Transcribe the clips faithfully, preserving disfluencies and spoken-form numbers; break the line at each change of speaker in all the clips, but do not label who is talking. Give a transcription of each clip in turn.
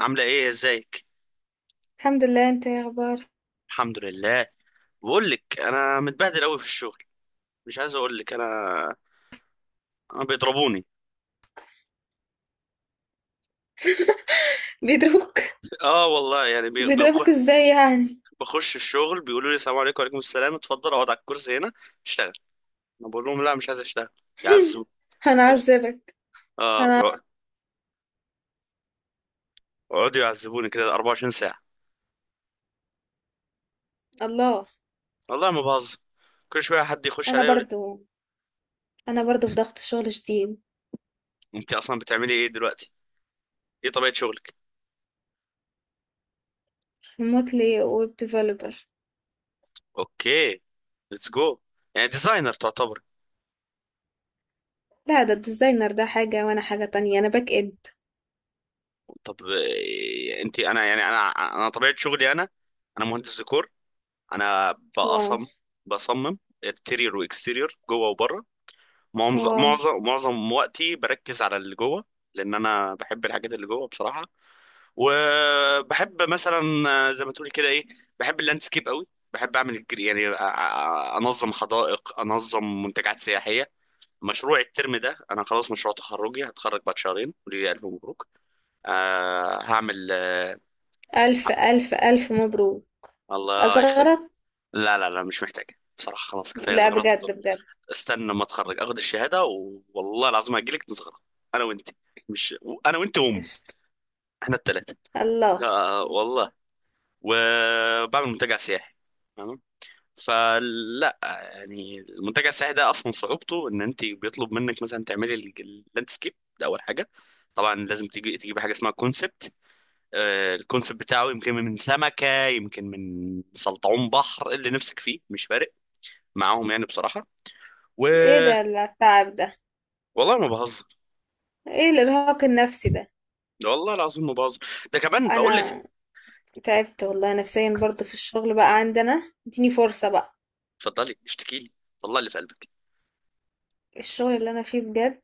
عاملة ايه ازيك؟
الحمد لله. انت ايه اخبارك؟
الحمد لله. بقول لك انا متبهدل قوي في الشغل. مش عايز اقول لك، انا انا بيضربوني.
بيضربوك؟
اه والله، يعني بي- بخ-
بيضربوك ازاي يعني؟
بخش الشغل بيقولوا لي السلام عليكم، وعليكم السلام، اتفضل اقعد على الكرسي هنا، اشتغل. انا بقول لهم لا، مش عايز اشتغل. يعذبوني.
هنعذبك؟
اه. يقعدوا يعذبوني كده 24 ساعة.
الله.
والله ما بهزر. كل شوية حد يخش
انا
عليا يقول لي.
برضو انا برضو في ضغط شغل شديد.
انت اصلا بتعملي ايه دلوقتي؟ ايه طبيعة شغلك؟
ريموتلي ويب ديفلوبر.
اوكي. ليتس جو. يعني ديزاينر تعتبر.
لا، ده الديزاينر ده حاجة وانا حاجة تانية. انا باك اند.
طب إيه، انت انا يعني انا انا طبيعه شغلي. انا انا مهندس ديكور. انا
واو.
بأصم بصمم انتيريور واكستيريور، جوه وبره. معظم
واو.
معظم معظم وقتي بركز على اللي جوه، لان انا بحب الحاجات اللي جوه بصراحه. وبحب مثلا، زي ما تقولي كده، ايه، بحب اللاندسكيب قوي. بحب اعمل الجر- يعني أ- أ- انظم حدائق، انظم منتجعات سياحيه. مشروع الترم ده، انا خلاص مشروع تخرجي، هتخرج بعد شهرين، ولي الف مبروك. آه، هعمل. آه،
الف الف الف مبروك!
الله يخليك.
اصغرت.
لا لا لا مش محتاج. بصراحة خلاص كفاية
لا،
زغرطة. طب
بجد بجد.
استنى لما اتخرج اخد الشهادة و... والله العظيم هجيلك نزغرط. انا وانت. مش انا وانت وامي.
قشطة.
احنا الثلاثة.
الله.
آه والله. وبعمل منتجع سياحي. تمام. فلا، يعني المنتجع السياحي ده اصلا صعوبته ان انت بيطلب منك مثلا تعملي ال- اللاندسكيب. ده اول حاجة. طبعا لازم تجي تجيبي حاجة اسمها كونسبت. الكونسبت بتاعه يمكن من سمكة، يمكن من سلطعون بحر، اللي نفسك فيه مش فارق معاهم يعني بصراحه. و...
ايه ده التعب ده؟
والله ما بهزر.
ايه الارهاق النفسي ده؟
ده والله العظيم ما بهزر. ده كمان بقول لك.
انا تعبت والله نفسيا برضو في الشغل بقى عندنا. اديني فرصة بقى.
اتفضلي اشتكي لي. طلع اللي في قلبك.
الشغل اللي انا فيه بجد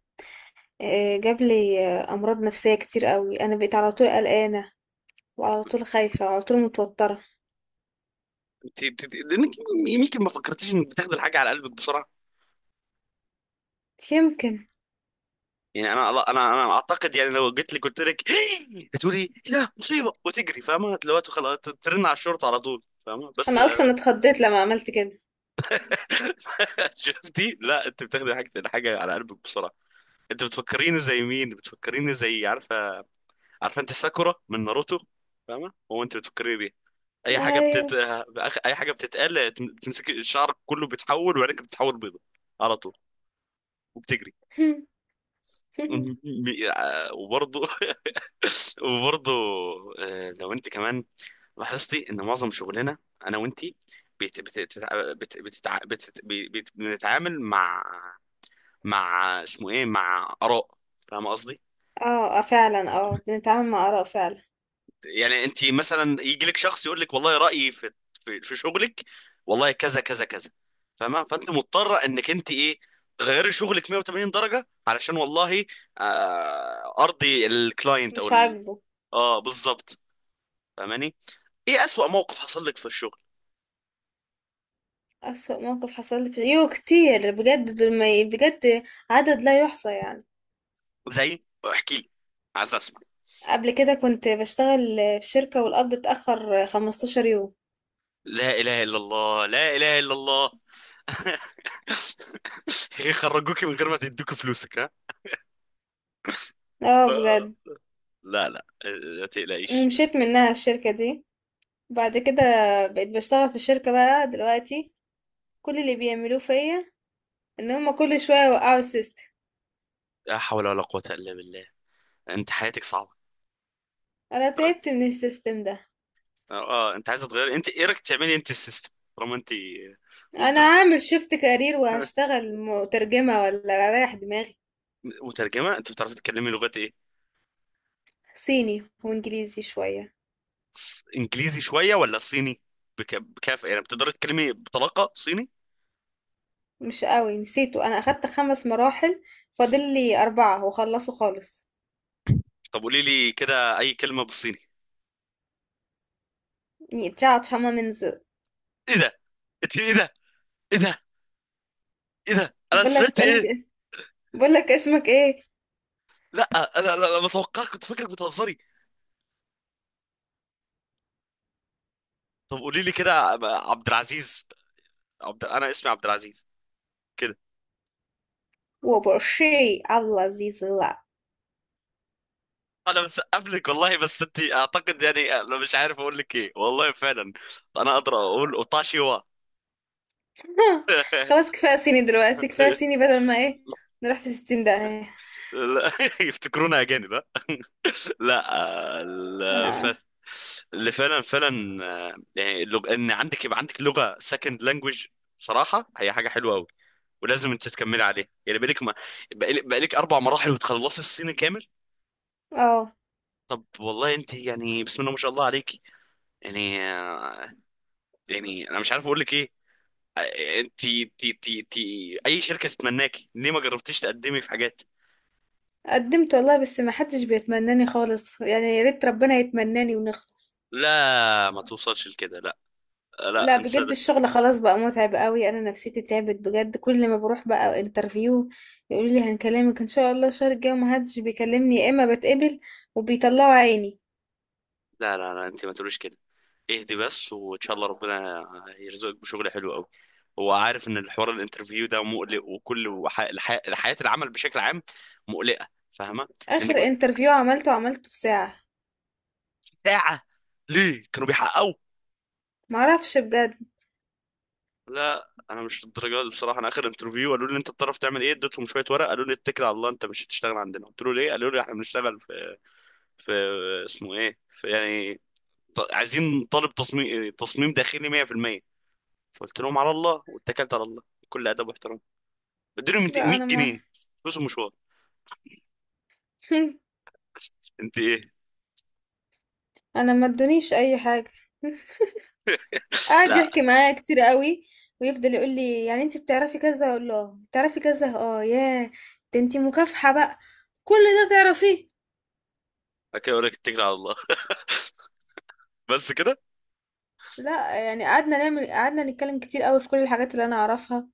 آه، جاب لي آه، امراض نفسيه كتير قوي. انا بقيت على طول قلقانه، وعلى طول خايفه، وعلى طول متوتره.
انت انت- انت- لانك يمكن ما فكرتيش انك بتاخدي الحاجه على قلبك بسرعه.
يمكن.
يعني انا انا انا اعتقد يعني لو جيت لي قلت لك، هتقولي لا مصيبه، وتجري، فاهمه دلوقتي؟ خلاص ترن على الشرطه على طول، فاهمه؟ بس
انا اصلا اتخضيت لما عملت كده.
شفتي؟ لا، انت بتاخدي حاجه الحاجه على قلبك بسرعه. انت بتفكريني زي مين؟ بتفكريني زي، عارفه؟ عارفه انت ساكورا من ناروتو؟ فاهمه؟ هو انت بتفكريني بيه. اي حاجه
ايوه.
بتت... بأخ- اي حاجه بتتقال بتمسك الشعر كله، بيتحول وعينك بتتحول بيضه على طول، وبتجري. وبرضه وبرضه. آه، لو انت كمان لاحظتي ان معظم شغلنا، انا وانتي، بت... بت... بتتع- بت... بتتع... بت... بت... بنتعامل مع، مع اسمه ايه، مع اراء. فاهم قصدي؟
اه، آه، فعلا، اه، بنتعامل مع اراء فعلا.
يعني انت مثلا يجي لك شخص يقول لك، والله رايي في، في في شغلك، والله كذا كذا كذا، فاهمه؟ فانت مضطره انك انت ايه، تغيري شغلك مية وتمانين درجة درجه، علشان والله آه ارضي الكلاينت او
مش
ال...
عاجبه.
اه بالظبط. فاهماني؟ ايه اسوأ موقف حصل لك في الشغل؟
اسوأ موقف حصل لي في يو كتير بجد دول ما ي- بجد. عدد لا يحصى يعني.
زي؟ احكي لي، عايز اسمع.
قبل كده كنت بشتغل في شركه والقبض اتاخر 15 يوم.
لا اله الا الله، لا اله الا الله. يخرجوكي من غير ما تدوكي فلوسك؟ ها؟
اه، بجد.
لا لا، لا تقلقيش.
مشيت منها الشركه دي. بعد كده بقيت بشتغل في شركة بقى دلوقتي. كل اللي بيعملوه فيا ان هما كل شوية يوقعوا السيستم.
لا حول ولا قوة إلا بالله. انت حياتك صعبه.
انا تعبت من السيستم ده.
اه. آه، انت عايزه تغير؟ انت ايه رايك تعملي انت السيستم، طالما انت. وب.
انا هعمل شيفت كارير وهشتغل مترجمة ولا رايح دماغي.
وترجمه؟ انت بتعرفي تتكلمي لغات ايه؟
صيني وانجليزي شوية.
ص- انجليزي شويه ولا صيني؟ بك... بكافة؟ يعني بتقدري تتكلمي بطلاقه صيني؟
مش قوي، نسيته. انا اخدت خمس مراحل، فاضل لي اربعة وخلصوا خالص.
طب قولي لي كده اي كلمه بالصيني.
ني تشاتش هما منز.
ايه ده؟ انت ايه ده؟ ايه ده؟ ايه ده؟ انا
بقولك
سمعت
بقولك
ايه؟
بقولك اسمك ايه؟
لا، انا انا أنا متوقع، كنت فاكرك بتهزري. طب قولي لي كده. عبد العزيز. عبد... انا اسمي عبد العزيز.
وبرشي الله عزيز.
انا مسقف لك والله. بس انت اعتقد يعني، انا مش عارف اقول لك ايه والله فعلا. انا اقدر اقول اوتاشيوا.
خلاص، كفاية صيني دلوقتي، كفاية صيني بدل ما ايه نروح في ستين داهية.
لا يفتكرونا اجانب؟ ها؟ لا. آه، ال- ف...
انا
اللي فعلا فعلا، آه، يعني اللغ... ان عندك، يبقى عندك لغه، سكند لانجوج، بصراحه هي حاجه حلوه قوي، ولازم انت تكملي عليها. يعني بقالك ما، بقالك بقالك اربع مراحل وتخلصي الصيني كامل.
اه
طب والله انت يعني بسم الله ما شاء الله عليكي. يعني آه، يعني انا مش عارف اقول لك ايه. انتي تي تي تي اي شركه تتمناكي، ليه ما جربتيش تقدمي في حاجات؟
قدمت والله، بس ما حدش بيتمناني خالص يعني، يا ريت ربنا يتمناني ونخلص.
لا، ما توصلش لكده. لا،
لا،
لا، انت
بجد
صدق.
الشغل خلاص بقى متعب قوي. انا نفسيتي تعبت بجد. كل ما بروح بقى انترفيو يقولوا لي هنكلمك ان شاء الله الشهر الجاي، وما حدش بيكلمني يا اما بتقبل، وبيطلعوا عيني.
لا لا لا، انت ما تقوليش كده. اهدي بس، وان شاء الله ربنا يرزقك بشغل حلو قوي. هو عارف ان الحوار الانترفيو ده مقلق، وكل وح... الح... حياه العمل بشكل عام مقلقه، فاهمه؟ لانك
اخر
ب-
انترفيو عملته عملته في ساعة.
ساعه؟ ليه كانوا بيحققوا؟
معرفش بجد.
لا انا مش الدرجه دي بصراحه. انا اخر انترفيو قالوا لي انت بتعرف تعمل ايه، اديتهم شويه ورق، قالوا لي اتكل على الله، انت مش هتشتغل عندنا. قلت له ليه؟ قالوا لي احنا بنشتغل في، اسمه ايه، في يعني، ط- عايزين طالب تصميم، تصميم داخلي مية في المية. فقلت لهم على الله، واتكلت على الله، بكل ادب واحترام اديلهم
لا،
100
انا ما
جنيه فلوس المشوار. انت ايه؟
انا ما ادونيش اي حاجة. قعد
لا.
يحكي معايا كتير قوي. ويفضل يقول لي يعني انت بتعرفي كذا، اقول له بتعرفي كذا. اه، ياه، ده انت مكافحة بقى، كل ده تعرفيه.
اوكي، اقول لك اتكل على الله. بس كده.
لا يعني قعدنا نعمل قعدنا نتكلم كتير قوي في كل الحاجات اللي انا اعرفها.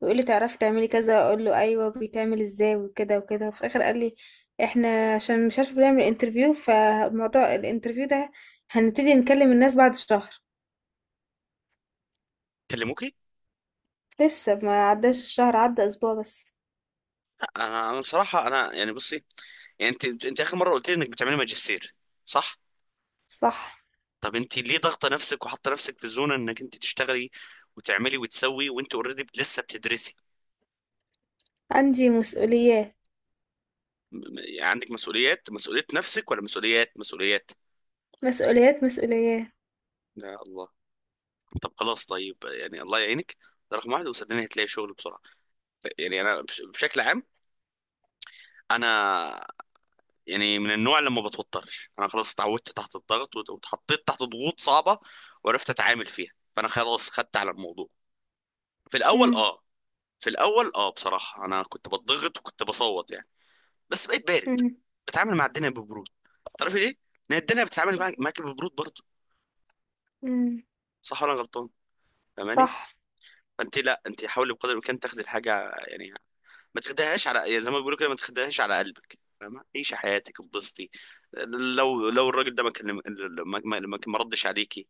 ويقول لي تعرفي تعملي كذا، اقول له ايوه بيتعمل ازاي وكده وكده. وفي الاخر قال لي: احنا عشان مش عارفه بنعمل انترفيو، فموضوع الانترفيو ده هنبتدي نكلم الناس بعد شهر.
كلموكي؟
لسه ما عداش الشهر، عدى اسبوع بس.
لا، انا انا بصراحه، انا يعني بصي، يعني انت انت اخر مره قلت لي انك بتعملي ماجستير، صح؟
صح.
طب انت ليه ضاغطه نفسك وحاطه نفسك في الزونه انك انت تشتغلي وتعملي وتسوي، وانت اوريدي لسه بتدرسي؟
عندي مسؤوليات.
م- م- عندك مسؤوليات؟ مسؤولية نفسك، ولا مسؤوليات مسؤوليات؟
مسؤوليات مسؤوليات.
يا الله. طب خلاص، طيب، يعني الله يعينك. ده رقم واحد، وصدقني هتلاقي شغل بسرعة. يعني أنا بش- بشكل عام، أنا، يعني من النوع اللي ما بتوترش. أنا خلاص اتعودت تحت الضغط، وت- واتحطيت تحت ضغوط صعبة وعرفت أتعامل فيها. فأنا خلاص خدت على الموضوع. في الأول
إمم.
أه، في الأول أه بصراحة أنا كنت بتضغط وكنت بصوت يعني، بس بقيت بارد.
إمم.
بتعامل مع الدنيا ببرود. تعرفي ليه؟ لأن الدنيا بتتعامل معاك، معاك ببرود برضه.
إمم.
صح ولا أنا غلطان؟ فاهماني؟
صح.
فأنت لا، أنت حاولي بقدر الإمكان تاخدي الحاجة، يعني ما تاخدهاش على، يا زي ما بيقولوا كده، ما تاخدهاش على قلبك، فاهمة؟ عيشي حياتك اتبسطي. لو لو الراجل ده ما كلم، ما ما ما- ما ردش عليكي،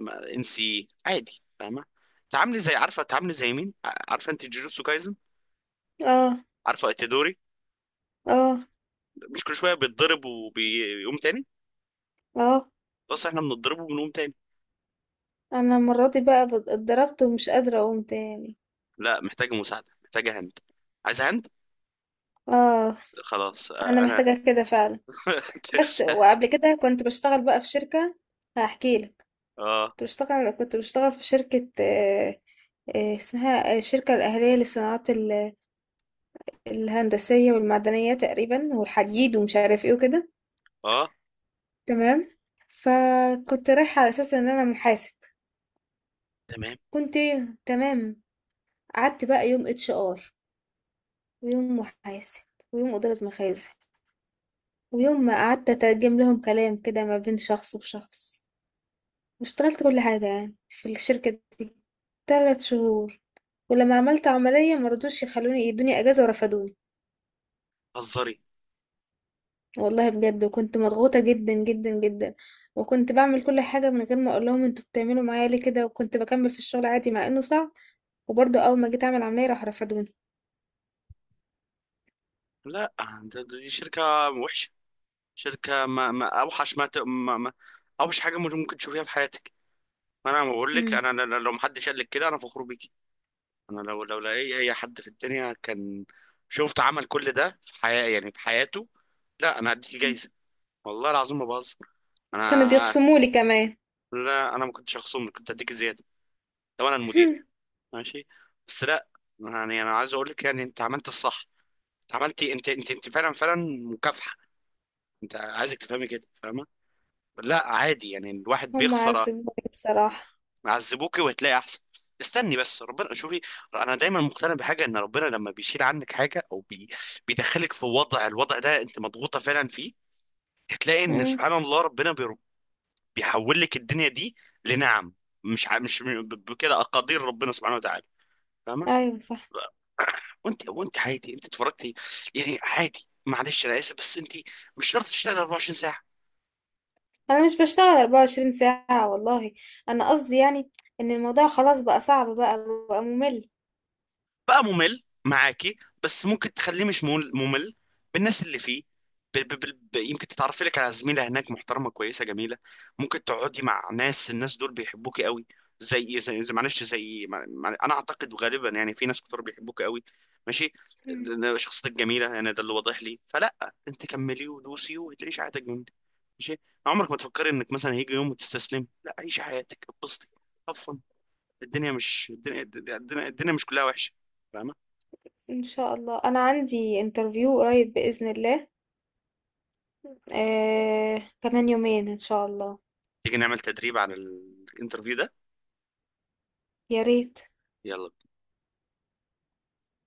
ما- انسي عادي، فاهمة؟ تعاملي زي، عارفة؟ تعاملي زي مين، ع- عارفة انت جوجوتسو كايزن؟
آه.
عارفة اتيدوري؟
آه.
مش كل شوية بيتضرب وبيقوم تاني؟
آه.
بس احنا بنضربه وبنقوم تاني.
أنا المرّة دي بقى ب اتضربت ومش قادرة أقوم تاني.
لا محتاجة مساعدة، محتاجة هند، عايزة هند.
آه.
خلاص.
أنا
آه، انا.
محتاجة كده فعلًا. بس وقبل كده كنت باشتغل بقى في شركة. هاحكي لك.
اه
كنت باشتغل كنت باشتغل في شركة آآ، آآ، اسمها آه، الشركة الأهلية للصناعات ال الهندسية والمعدنية تقريبًا، والحديد ومش عارف إيه وكده.
اه
تمام. فكنت رايحة على أساس إن أنا محاسب.
تمام.
كنت إيه؟ تمام. قعدت بقى يوم اتش ار، ويوم محاسب، ويوم إدارة مخازن، ويوم ما قعدت أترجم لهم كلام كده ما بين شخص وشخص. واشتغلت كل حاجة يعني في الشركة دي تلات شهور. ولما عملت عملية مرضوش يخلوني يدوني أجازة، ورفضوني.
هزري.
والله بجد. وكنت مضغوطة جدا جدا جدا. وكنت بعمل كل حاجة من غير ما أقول لهم انتوا بتعملوا معايا ليه كده، وكنت بكمل في الشغل عادي مع إنه صعب. وبرضه أول ما جيت أعمل عملية راح رفضوني.
لا، ده- ده- دي شركة وحشة. شركة ما، ما أوحش ما, ت... ما, ما أوحش حاجة مش ممكن تشوفيها في حياتك. ما أنا بقول لك،
مم.
أنا أنا- أنا لو محدش قال لك كده، أنا فخور بيكي. أنا لو لو لأي أي حد في الدنيا كان شفت عمل كل ده في حياة يعني في حياته، لا، أنا هديكي جايزة، والله العظيم ما بهزر.
كانوا
أنا،
بيخصموا لي كمان.
لا أنا ما كنتش هخصمك، كنت هديك زيادة لو أنا المدير يعني. ماشي، بس لا. يعني أنا عايز أقول لك، يعني أنت عملت الصح. أنت عملتي، أنت أنت أنت فعلا فعلا مكافحة. أنت عايزك تفهمي كده، فاهمة؟ لا عادي، يعني الواحد
هم
بيخسر.
عذبوني بصراحة.
عذبوكي وهتلاقي احسن. استني بس ربنا، شوفي، انا دايما مقتنع بحاجه، ان ربنا لما بيشيل عنك حاجه او بي... بيدخلك في وضع، الوضع ده انت مضغوطه فعلا فيه، هتلاقي ان
امم.
سبحان الله ربنا بي... بيحول لك الدنيا دي لنعم. مش ع... مش ب- بكده اقادير ربنا سبحانه وتعالى، فاهمه؟
ايوه، صح.
وانت وانت عادي، انت اتفرجتي يعني عادي، معلش انا اسف، بس انت مش شرط تشتغل أربعة وعشرين.
انا مش بشتغل 24 ساعة والله. انا قصدي يعني ان الموضوع خلاص بقى صعب، بقى بقى ممل.
بقى ممل معاكي، بس ممكن تخليه مش مول- ممل بالناس اللي فيه. ب ب ب ب يمكن تتعرفي لك على زميلة هناك محترمة كويسة جميلة. ممكن تقعدي مع ناس، الناس دول بيحبوكي قوي. زي زي, زي معلش زي مع مع- انا اعتقد غالبا يعني في ناس كتير بيحبوكي قوي، ماشي؟
مم.
شخصيتك جميلة، يعني ده اللي واضح لي، فلا، انت كملي ودوسي وتعيشي حياتك جميلة، ماشي؟ عمرك ما تفكري انك مثلا هيجي يوم وتستسلمي، لا، عيشي حياتك اتبسطي، هاف فن. الدنيا مش الدنيا، الدنيا, الدنيا مش كلها وحشة، فاهمة؟
ان شاء الله، انا عندي انترفيو قريب بإذن الله. آه، كمان يومين ان شاء الله.
تيجي نعمل تدريب عن الانترفيو ده؟
يا ريت.
يلا بينا.